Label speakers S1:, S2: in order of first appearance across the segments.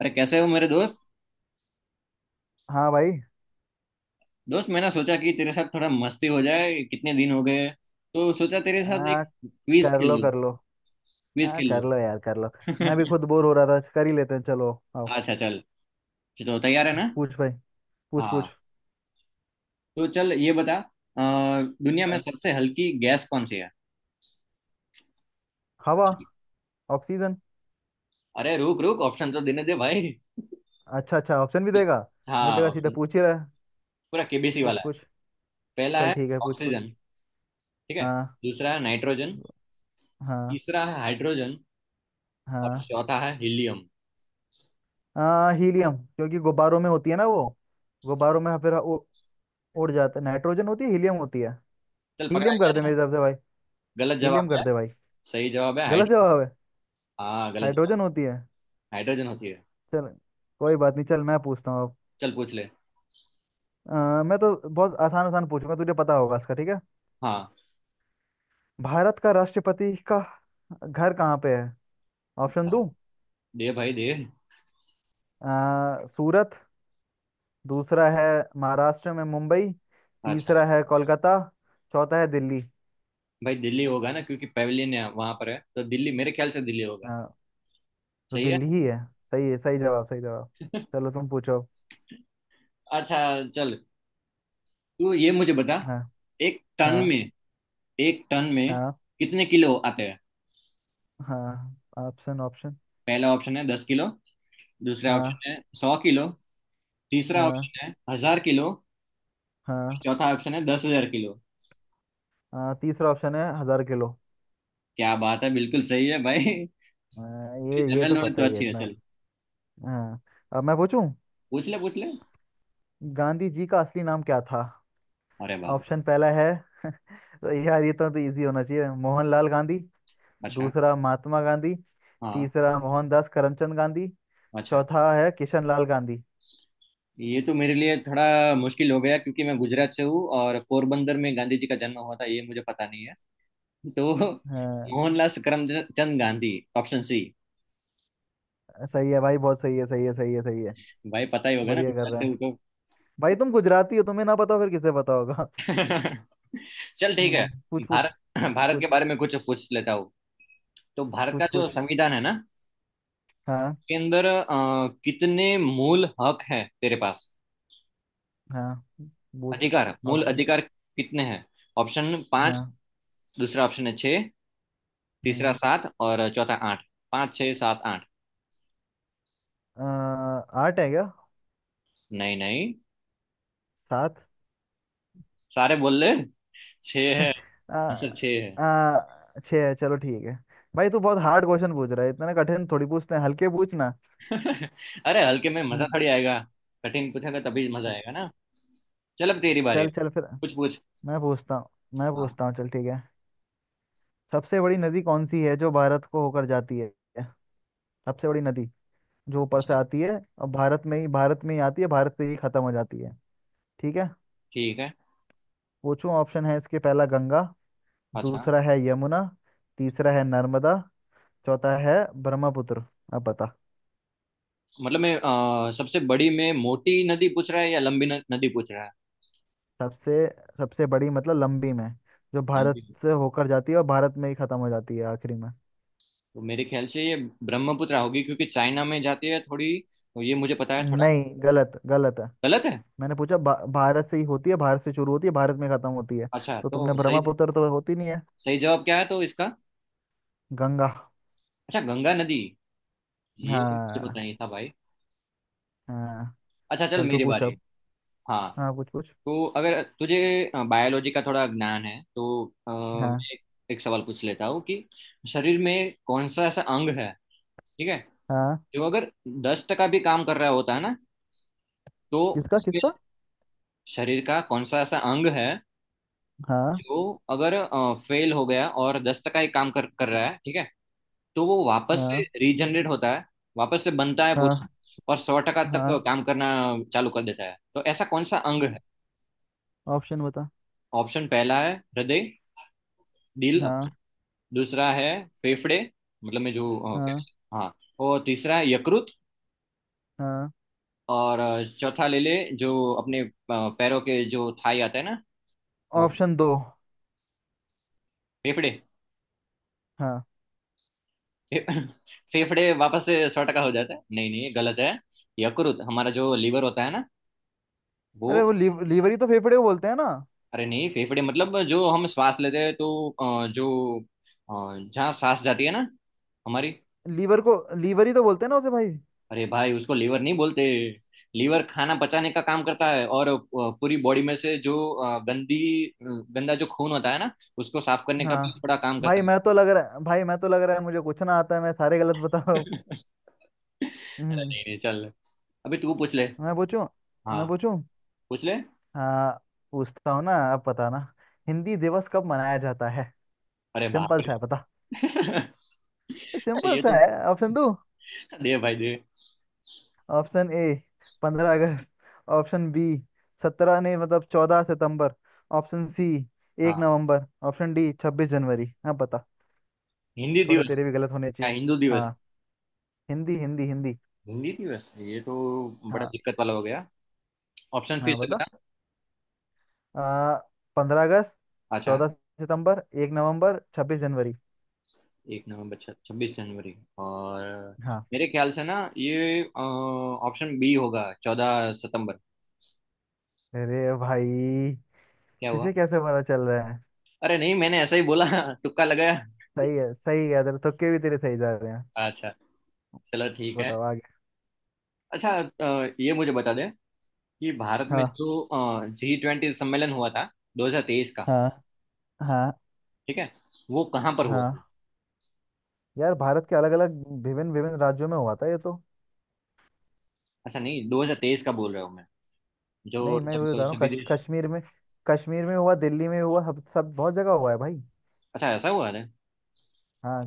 S1: अरे कैसे हो मेरे दोस्त
S2: हाँ भाई।
S1: दोस्त मैंने सोचा कि तेरे साथ थोड़ा मस्ती हो जाए, कितने दिन हो गए। तो सोचा तेरे साथ
S2: आ,
S1: एक क्विज
S2: कर
S1: खेल
S2: लो
S1: लो,
S2: कर लो।
S1: क्विज खेल
S2: कर लो यार कर लो। मैं भी
S1: लो।
S2: खुद बोर हो रहा था कर ही लेते हैं चलो। आओ।
S1: अच्छा चल, तो तैयार है ना?
S2: पूछ भाई। पूछ पूछ।
S1: हाँ, तो चल ये बता दुनिया में
S2: हाँ।
S1: सबसे हल्की गैस कौन सी है?
S2: हवा। ऑक्सीजन।
S1: अरे रुक रुक, ऑप्शन तो देने दे भाई।
S2: अच्छा अच्छा ऑप्शन भी देगा। मुझे
S1: हाँ
S2: लगा सीधा
S1: ऑप्शन।
S2: पूछ ही रहा है।
S1: पूरा केबीसी
S2: पूछ
S1: वाला है।
S2: पूछ।
S1: पहला
S2: चल
S1: है
S2: ठीक है पूछ पूछ।
S1: ऑक्सीजन, ठीक है।
S2: हाँ।
S1: दूसरा है नाइट्रोजन।
S2: हाँ।
S1: तीसरा है हाइड्रोजन। और
S2: हाँ।
S1: चौथा है हीलियम।
S2: हाँ हीलियम क्योंकि गुब्बारों में होती है ना वो। गुब्बारों में फिर उड़ जाता है नाइट्रोजन होती है हीलियम होती है।
S1: चल पकड़ा
S2: हीलियम कर
S1: गया
S2: दे
S1: ना।
S2: मेरी तरफ से भाई।
S1: गलत जवाब
S2: हीलियम कर
S1: है।
S2: दे भाई।
S1: सही जवाब है
S2: गलत
S1: हाइड्रोजन।
S2: जवाब है।
S1: हाँ गलत जवाब।
S2: हाइड्रोजन होती है।
S1: हाइड्रोजन होती है।
S2: चल। कोई बात नहीं चल मैं पूछता हूँ अब।
S1: चल पूछ ले।
S2: अ, मैं तो बहुत आसान आसान पूछूंगा तुझे पता होगा इसका ठीक है।
S1: हाँ
S2: भारत का राष्ट्रपति का घर कहाँ पे है। ऑप्शन दूं।
S1: दे भाई दे।
S2: सूरत। दूसरा है महाराष्ट्र में मुंबई।
S1: अच्छा
S2: तीसरा है कोलकाता। चौथा है दिल्ली।
S1: भाई, दिल्ली होगा ना क्योंकि पवेलियन है वहां पर है, तो दिल्ली, मेरे ख्याल से दिल्ली होगा।
S2: हाँ। तो
S1: सही है।
S2: दिल्ली ही है। सही है सही जवाब सही जवाब। चलो तुम पूछो।
S1: अच्छा चल, तू ये मुझे बता,
S2: हाँ।
S1: एक टन
S2: हाँ।
S1: में एक टन में
S2: हाँ।
S1: कितने किलो आते हैं?
S2: हाँ ऑप्शन ऑप्शन।
S1: पहला ऑप्शन है 10 किलो। दूसरा
S2: हाँ।
S1: ऑप्शन है 100 किलो। तीसरा
S2: हाँ।
S1: ऑप्शन है 1,000 किलो।
S2: हाँ।
S1: चौथा ऑप्शन है 10,000 किलो।
S2: हाँ। तीसरा ऑप्शन है 1,000 किलो।
S1: क्या बात है, बिल्कुल सही है भाई।
S2: ये
S1: जनरल
S2: तो
S1: नॉलेज
S2: पता
S1: तो
S2: ही है
S1: अच्छी है
S2: इतना।
S1: चल।
S2: हाँ। अब मैं पूछूं।
S1: पूछ ले पूछ ले।
S2: गांधी जी का असली नाम क्या था।
S1: अरे बाप।
S2: ऑप्शन पहला है। तो यार ये तो इजी होना चाहिए मोहनलाल गांधी।
S1: अच्छा।
S2: दूसरा महात्मा गांधी।
S1: हाँ।
S2: तीसरा मोहनदास करमचंद गांधी।
S1: अच्छा।
S2: चौथा है किशन लाल गांधी।
S1: ये तो मेरे लिए थोड़ा मुश्किल हो गया, क्योंकि मैं गुजरात से हूँ और पोरबंदर में गांधी जी का जन्म हुआ था, ये मुझे पता नहीं है। तो
S2: हाँ।
S1: Mohanlal Karamchand Gandhi, option C.
S2: सही है भाई बहुत सही है सही है सही है सही है।
S1: भाई पता ही होगा ना,
S2: बढ़िया कर
S1: गुजरात
S2: रहे
S1: से
S2: हैं।
S1: हूँ तो।
S2: भाई तुम गुजराती हो तुम्हें ना पता हो, फिर किसे पता होगा।
S1: चल ठीक है।
S2: पूछ पूछ।
S1: भारत भारत के
S2: पूछ
S1: बारे में कुछ पूछ लेता हूँ। तो भारत का
S2: पूछ
S1: जो
S2: पूछ।
S1: संविधान है ना, उसके
S2: हाँ
S1: अंदर कितने मूल हक है तेरे पास,
S2: हाँ पूछ।
S1: अधिकार, मूल
S2: ऑप्शन।
S1: अधिकार कितने हैं? ऑप्शन 5।
S2: हाँ।
S1: दूसरा ऑप्शन है 6। तीसरा
S2: हम्म।
S1: 7 और चौथा 8। 5, 6, 7, 8
S2: अ, आठ है क्या।
S1: नहीं नहीं,
S2: सात।
S1: सारे बोल ले। छः है।
S2: आ,
S1: आंसर 6 है।
S2: आ, छः चलो ठीक है। भाई तू बहुत हार्ड क्वेश्चन पूछ रहा है इतने कठिन थोड़ी पूछते हैं हल्के पूछना।
S1: अरे हल्के में मजा
S2: हम्म।
S1: थोड़ी आएगा, कठिन पूछेगा तभी मजा
S2: हम्म।
S1: आएगा ना। चल अब तेरी बारी है,
S2: चल चल फिर।
S1: कुछ पूछ।
S2: मैं पूछता हूँ। मैं
S1: हाँ।
S2: पूछता हूँ चल ठीक है। सबसे बड़ी नदी कौन सी है जो भारत को होकर जाती है। सबसे बड़ी नदी जो ऊपर से
S1: अच्छा।
S2: आती है और भारत में ही आती है भारत से ही खत्म हो जाती है। ठीक है।
S1: ठीक है।
S2: पूछूं ऑप्शन है इसके पहला गंगा।
S1: अच्छा,
S2: दूसरा है यमुना। तीसरा है नर्मदा। चौथा है ब्रह्मपुत्र। अब बता।
S1: मतलब मैं, सबसे बड़ी में मोटी नदी पूछ रहा है या लंबी न, नदी पूछ रहा है?
S2: सबसे सबसे बड़ी मतलब लंबी में जो
S1: लंबी।
S2: भारत से होकर जाती है और भारत में ही खत्म हो जाती है आखिरी में।
S1: तो मेरे ख्याल से ये ब्रह्मपुत्र होगी, क्योंकि चाइना में जाती है थोड़ी, तो ये मुझे पता है थोड़ा।
S2: नहीं गलत गलत है।
S1: गलत है।
S2: मैंने पूछा भारत से ही होती है भारत से शुरू होती है भारत में खत्म होती है।
S1: अच्छा
S2: तो तुमने
S1: तो सही।
S2: ब्रह्मपुत्र तो होती नहीं है।
S1: सही जवाब क्या है तो इसका?
S2: गंगा।
S1: अच्छा गंगा नदी, ये मुझे पता
S2: हाँ।
S1: नहीं था भाई।
S2: हाँ।
S1: अच्छा चल
S2: चल तू
S1: मेरी
S2: पूछ
S1: बारी।
S2: अब।
S1: हाँ।
S2: हाँ पूछ पूछ।
S1: तो अगर तुझे बायोलॉजी का थोड़ा ज्ञान है तो
S2: हाँ।
S1: मैं एक सवाल पूछ लेता हूँ कि शरीर में कौन सा ऐसा अंग है, ठीक है,
S2: हाँ।
S1: जो अगर 10% भी काम कर रहा होता है ना, तो
S2: किसका
S1: उसके,
S2: किसका।
S1: शरीर का कौन सा ऐसा अंग है
S2: हाँ।
S1: जो अगर फेल हो गया और 10% ही काम कर कर रहा है, ठीक है, तो वो वापस से
S2: हाँ।
S1: रीजनरेट होता है, वापस से बनता है पूरा,
S2: हाँ।
S1: और 100% तक
S2: हाँ
S1: काम करना चालू कर देता है। तो ऐसा कौन सा अंग है?
S2: ऑप्शन बता।
S1: ऑप्शन पहला है हृदय, दिल।
S2: हाँ।
S1: दूसरा है फेफड़े, मतलब में जो
S2: हाँ।
S1: फेफड़े, हाँ। और तीसरा है यकृत।
S2: हाँ
S1: और चौथा ले ले, जो अपने पैरों के जो थाई आता है ना, वो।
S2: ऑप्शन दो।
S1: फेफड़े।
S2: हाँ।
S1: फे, फेफड़े वापस से 100% हो जाता है? नहीं नहीं ये गलत है। यकृत हमारा, जो लीवर होता है ना, वो।
S2: अरे वो लीवरी तो फेफड़े को बोलते हैं ना।
S1: अरे नहीं, फेफड़े मतलब जो हम श्वास लेते हैं, तो जो अ, जहाँ सांस जाती है ना हमारी।
S2: लीवर को लीवर ही तो बोलते हैं ना उसे भाई।
S1: अरे भाई उसको लीवर नहीं बोलते। लीवर खाना पचाने का काम करता है और पूरी बॉडी में से जो अ, गंदी गंदा जो खून होता है ना, उसको साफ करने का भी
S2: हाँ।
S1: बड़ा काम करता
S2: भाई
S1: है।
S2: मैं तो लग रहा है भाई मैं तो लग रहा है मुझे कुछ ना आता है मैं सारे गलत बता रहा हूँ।
S1: अरे
S2: हम्म,
S1: नहीं नहीं चल, अभी तू पूछ ले।
S2: मैं पूछूं।
S1: हाँ
S2: मैं पूछूं।
S1: पूछ ले।
S2: हाँ। पूछता हूँ ना आप बताना। हिंदी दिवस कब मनाया जाता है।
S1: अरे बाप
S2: सिंपल सा है
S1: रे।
S2: बता। सिंपल
S1: ये
S2: सा
S1: तो।
S2: है ऑप्शन दो।
S1: दे भाई दे।
S2: ऑप्शन ए। 15 अगस्त। Option B. सत्रह नहीं मतलब 14 सितंबर। Option C. एक
S1: हाँ
S2: नवंबर ऑप्शन डी 26 जनवरी हाँ बता।
S1: हिंदी
S2: थोड़े
S1: दिवस।
S2: तेरे भी गलत होने
S1: हाँ
S2: चाहिए।
S1: हिंदू दिवस।
S2: हाँ हिंदी हिंदी हिंदी।
S1: हिंदी दिवस, ये तो बड़ा
S2: हाँ।
S1: दिक्कत वाला हो गया। ऑप्शन फिर
S2: हाँ
S1: से बता।
S2: बता। आ, 15 अगस्त।
S1: अच्छा।
S2: 14 सितंबर। 1 नवंबर 26 जनवरी
S1: 1 नवंबर, 26 जनवरी, और,
S2: हाँ।
S1: मेरे ख्याल से ना ये ऑप्शन बी होगा, 14 सितंबर।
S2: अरे भाई
S1: क्या हुआ?
S2: तुझे कैसे पता चल रहा है।
S1: अरे नहीं मैंने ऐसा ही बोला। तुक्का लगाया।
S2: सही है सही है तेरे तुक्के भी तेरे सही जा रहे हैं।
S1: अच्छा चलो ठीक है।
S2: बताओ आगे।
S1: अच्छा, ये मुझे बता दे कि भारत में
S2: हाँ।
S1: जो G20 सम्मेलन हुआ था 2023 का,
S2: हाँ। हाँ।
S1: ठीक है, वो कहाँ पर हुआ था?
S2: हाँ यार भारत के अलग अलग विभिन्न विभिन्न राज्यों में हुआ था ये तो।
S1: अच्छा नहीं 2023 का बोल रहा हूँ मैं, जो
S2: नहीं मैं वही बता
S1: जब
S2: रहा हूँ
S1: सभी देश।
S2: कश्मीर में। कश्मीर में हुआ दिल्ली में हुआ सब सब बहुत जगह हुआ है भाई।
S1: अच्छा ऐसा हुआ है,
S2: हाँ।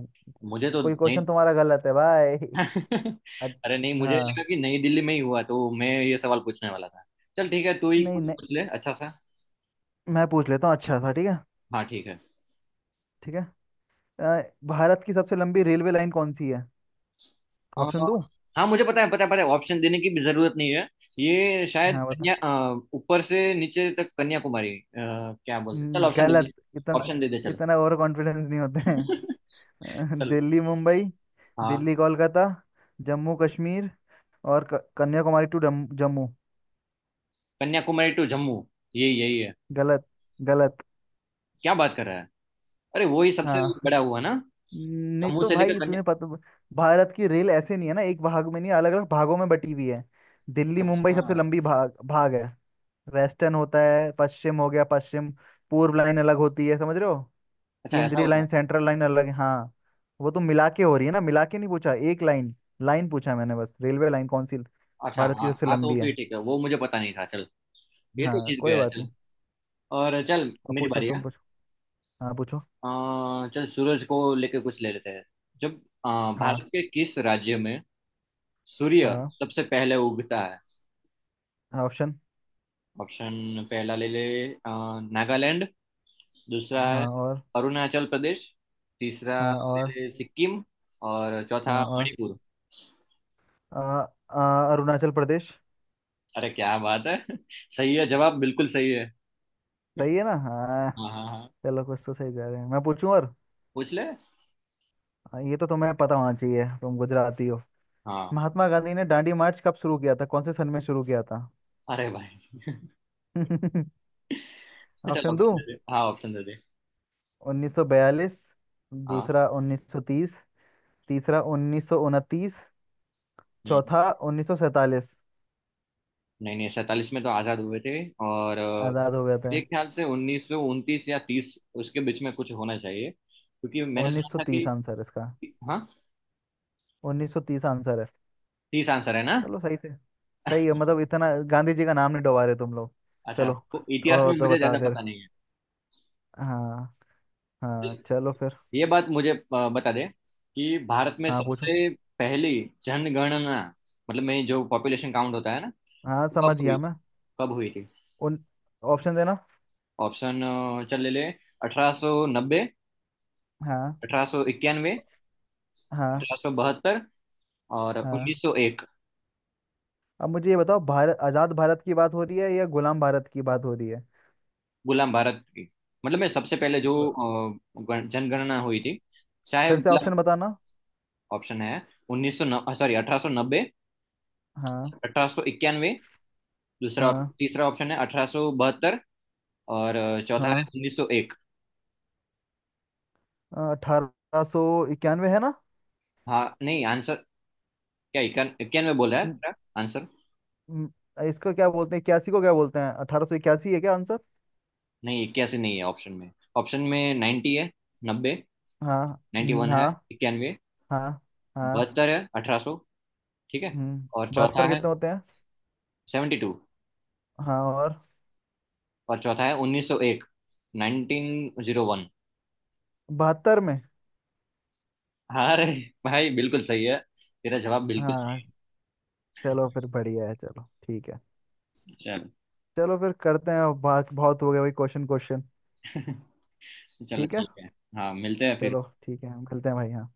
S1: मुझे तो
S2: कोई
S1: नहीं।
S2: क्वेश्चन तुम्हारा गलत है भाई। अच-
S1: अरे नहीं मुझे
S2: हाँ
S1: लगा कि नई दिल्ली में ही हुआ, तो मैं ये सवाल पूछने वाला था। चल ठीक है, तू ही
S2: नहीं
S1: कुछ
S2: नहीं
S1: पूछ ले अच्छा सा।
S2: मैं पूछ लेता हूँ अच्छा सा ठीक है।
S1: हाँ ठीक है।
S2: ठीक है। अ, भारत की सबसे लंबी रेलवे लाइन कौन सी है।
S1: अ।
S2: ऑप्शन दो।
S1: हाँ मुझे पता है, पता है पता है, ऑप्शन देने की भी जरूरत नहीं है। ये शायद
S2: हाँ बता।
S1: ऊपर से नीचे तक कन्याकुमारी, क्या बोलते हैं? चल ऑप्शन दे दे।
S2: गलत इतना।
S1: ऑप्शन दे दे चल।
S2: इतना ओवर कॉन्फिडेंस नहीं होते हैं।
S1: चल।
S2: दिल्ली मुंबई।
S1: हाँ।
S2: दिल्ली कोलकाता। जम्मू कश्मीर। और कन्याकुमारी टू जम्मू जम्मू।
S1: कन्याकुमारी टू जम्मू, ये यही है।
S2: गलत। गलत।
S1: क्या बात कर रहा है, अरे वो ही सबसे
S2: हाँ।
S1: बड़ा हुआ ना,
S2: नहीं
S1: जम्मू
S2: तो
S1: से लेकर
S2: भाई
S1: कन्या।
S2: तुम्हें पता भारत की रेल ऐसे नहीं है ना एक भाग में नहीं अलग अलग भागों में बटी हुई है। दिल्ली मुंबई
S1: अच्छा।
S2: सबसे लंबी भाग भाग है। वेस्टर्न होता है पश्चिम हो गया पश्चिम। पूर्व लाइन अलग होती है समझ रहे हो।
S1: अच्छा ऐसा
S2: केंद्रीय
S1: होता है।
S2: लाइन सेंट्रल लाइन अलग है हाँ। वो तो मिला के हो रही है ना मिला के नहीं पूछा एक लाइन। लाइन पूछा मैंने बस रेलवे लाइन कौन सी।
S1: अच्छा
S2: भारत की
S1: हाँ
S2: सबसे
S1: हाँ, तो
S2: लंबी
S1: फिर
S2: है।
S1: ठीक है, वो मुझे पता नहीं था चल। ये तो
S2: हाँ
S1: जीत
S2: कोई
S1: गया
S2: बात
S1: चल।
S2: नहीं।
S1: और चल
S2: अब
S1: मेरी
S2: पूछो
S1: बारी
S2: तुम
S1: है।
S2: पूछो। हाँ पूछो।
S1: चल सूरज को लेके कुछ ले लेते हैं। जब अ, भारत
S2: हाँ।
S1: के किस राज्य में सूर्य
S2: हाँ।
S1: सबसे पहले उगता है?
S2: हाँ ऑप्शन।
S1: ऑप्शन पहला ले ले, अ, नागालैंड। दूसरा है
S2: हाँ और।
S1: अरुणाचल प्रदेश। तीसरा
S2: हाँ
S1: ले
S2: और।
S1: ले सिक्किम। और चौथा
S2: हाँ और।
S1: मणिपुर।
S2: आ, आ, अरुणाचल प्रदेश।
S1: अरे क्या बात है। सही है जवाब, बिल्कुल सही है।
S2: सही है ना हाँ।
S1: हाँ हाँ हाँ।
S2: चलो कुछ तो सही जा रहे हैं मैं पूछूं और।
S1: पूछ ले।
S2: हाँ, ये तो तुम्हें पता होना चाहिए तुम गुजराती हो।
S1: हाँ।
S2: महात्मा गांधी ने दांडी मार्च कब शुरू किया था कौन से सन में शुरू किया था।
S1: अरे भाई। चल
S2: ऑप्शन
S1: ऑप्शन
S2: दूं।
S1: दे दे, हाँ ऑप्शन दे दे।
S2: 1942।
S1: हाँ।
S2: दूसरा 1930। तीसरा 1929।
S1: हम्म।
S2: चौथा 1947।
S1: नहीं नहीं, सैतालीस में तो आजाद हुए थे। और
S2: आजाद हो गया था।
S1: मेरे ख्याल से 1929 या 30, उसके बीच में कुछ होना चाहिए, क्योंकि मैंने सुना था कि।
S2: 1930 आंसर इसका।
S1: हाँ।
S2: 1930 आंसर है।
S1: 30 आंसर है ना।
S2: चलो सही से। सही है मतलब इतना गांधी जी का नाम नहीं डुबा रहे तुम लोग।
S1: अच्छा
S2: चलो।
S1: तो
S2: थोड़ा
S1: इतिहास में
S2: बहुत तो
S1: मुझे
S2: बता
S1: ज्यादा
S2: दे
S1: पता नहीं है।
S2: हाँ। हाँ चलो फिर।
S1: ये बात मुझे बता दे कि भारत में
S2: हाँ पूछो।
S1: सबसे पहली जनगणना, मतलब में जो पॉपुलेशन काउंट होता है ना,
S2: हाँ।
S1: तो
S2: समझ गया मैं।
S1: कब हुई थी?
S2: उन ऑप्शन देना।
S1: ऑप्शन चल ले ले। 1890।
S2: हाँ।
S1: 1891।
S2: हाँ।
S1: 1872। और
S2: हाँ।
S1: 1901।
S2: अब मुझे ये बताओ भारत आजाद भारत की बात हो रही है या गुलाम भारत की बात हो रही है।
S1: गुलाम भारत की। मतलब मैं सबसे पहले जो
S2: गु-
S1: जनगणना हुई थी, शायद
S2: फिर से
S1: गुलाम।
S2: ऑप्शन बताना।
S1: ऑप्शन है, उन्नीस सौ सॉरी 1890।
S2: हाँ।
S1: अठारह सौ इक्यानवे, दूसरा।
S2: हाँ।
S1: तीसरा ऑप्शन है 1872। और चौथा है
S2: हाँ।
S1: 1901।
S2: 1891 है ना।
S1: हाँ नहीं आंसर, क्या इक्यानवे बोला है
S2: म-
S1: तेरा आंसर?
S2: म- इसको क्या बोलते हैं इक्यासी को क्या बोलते हैं 1881 है क्या आंसर।
S1: नहीं 81 नहीं है ऑप्शन में। ऑप्शन में 90 है, 90।
S2: हाँ
S1: नाइन्टी वन है
S2: हाँ।
S1: 91।
S2: हाँ। हाँ।
S1: बहत्तर है 1800, ठीक है। और चौथा
S2: बहत्तर
S1: है
S2: कितने होते हैं।
S1: 72।
S2: हाँ और।
S1: और चौथा है 1901, 1901।
S2: 72 में।
S1: हाँ, अरे भाई बिल्कुल सही है, तेरा जवाब बिल्कुल
S2: हाँ।
S1: सही
S2: चलो फिर बढ़िया है चलो ठीक है।
S1: है। चल।
S2: चलो फिर करते हैं बात बहुत हो गया भाई क्वेश्चन क्वेश्चन।
S1: चलो
S2: ठीक है।
S1: ठीक है। हाँ मिलते हैं फिर।
S2: चलो ठीक है हम खेलते हैं भाई हाँ।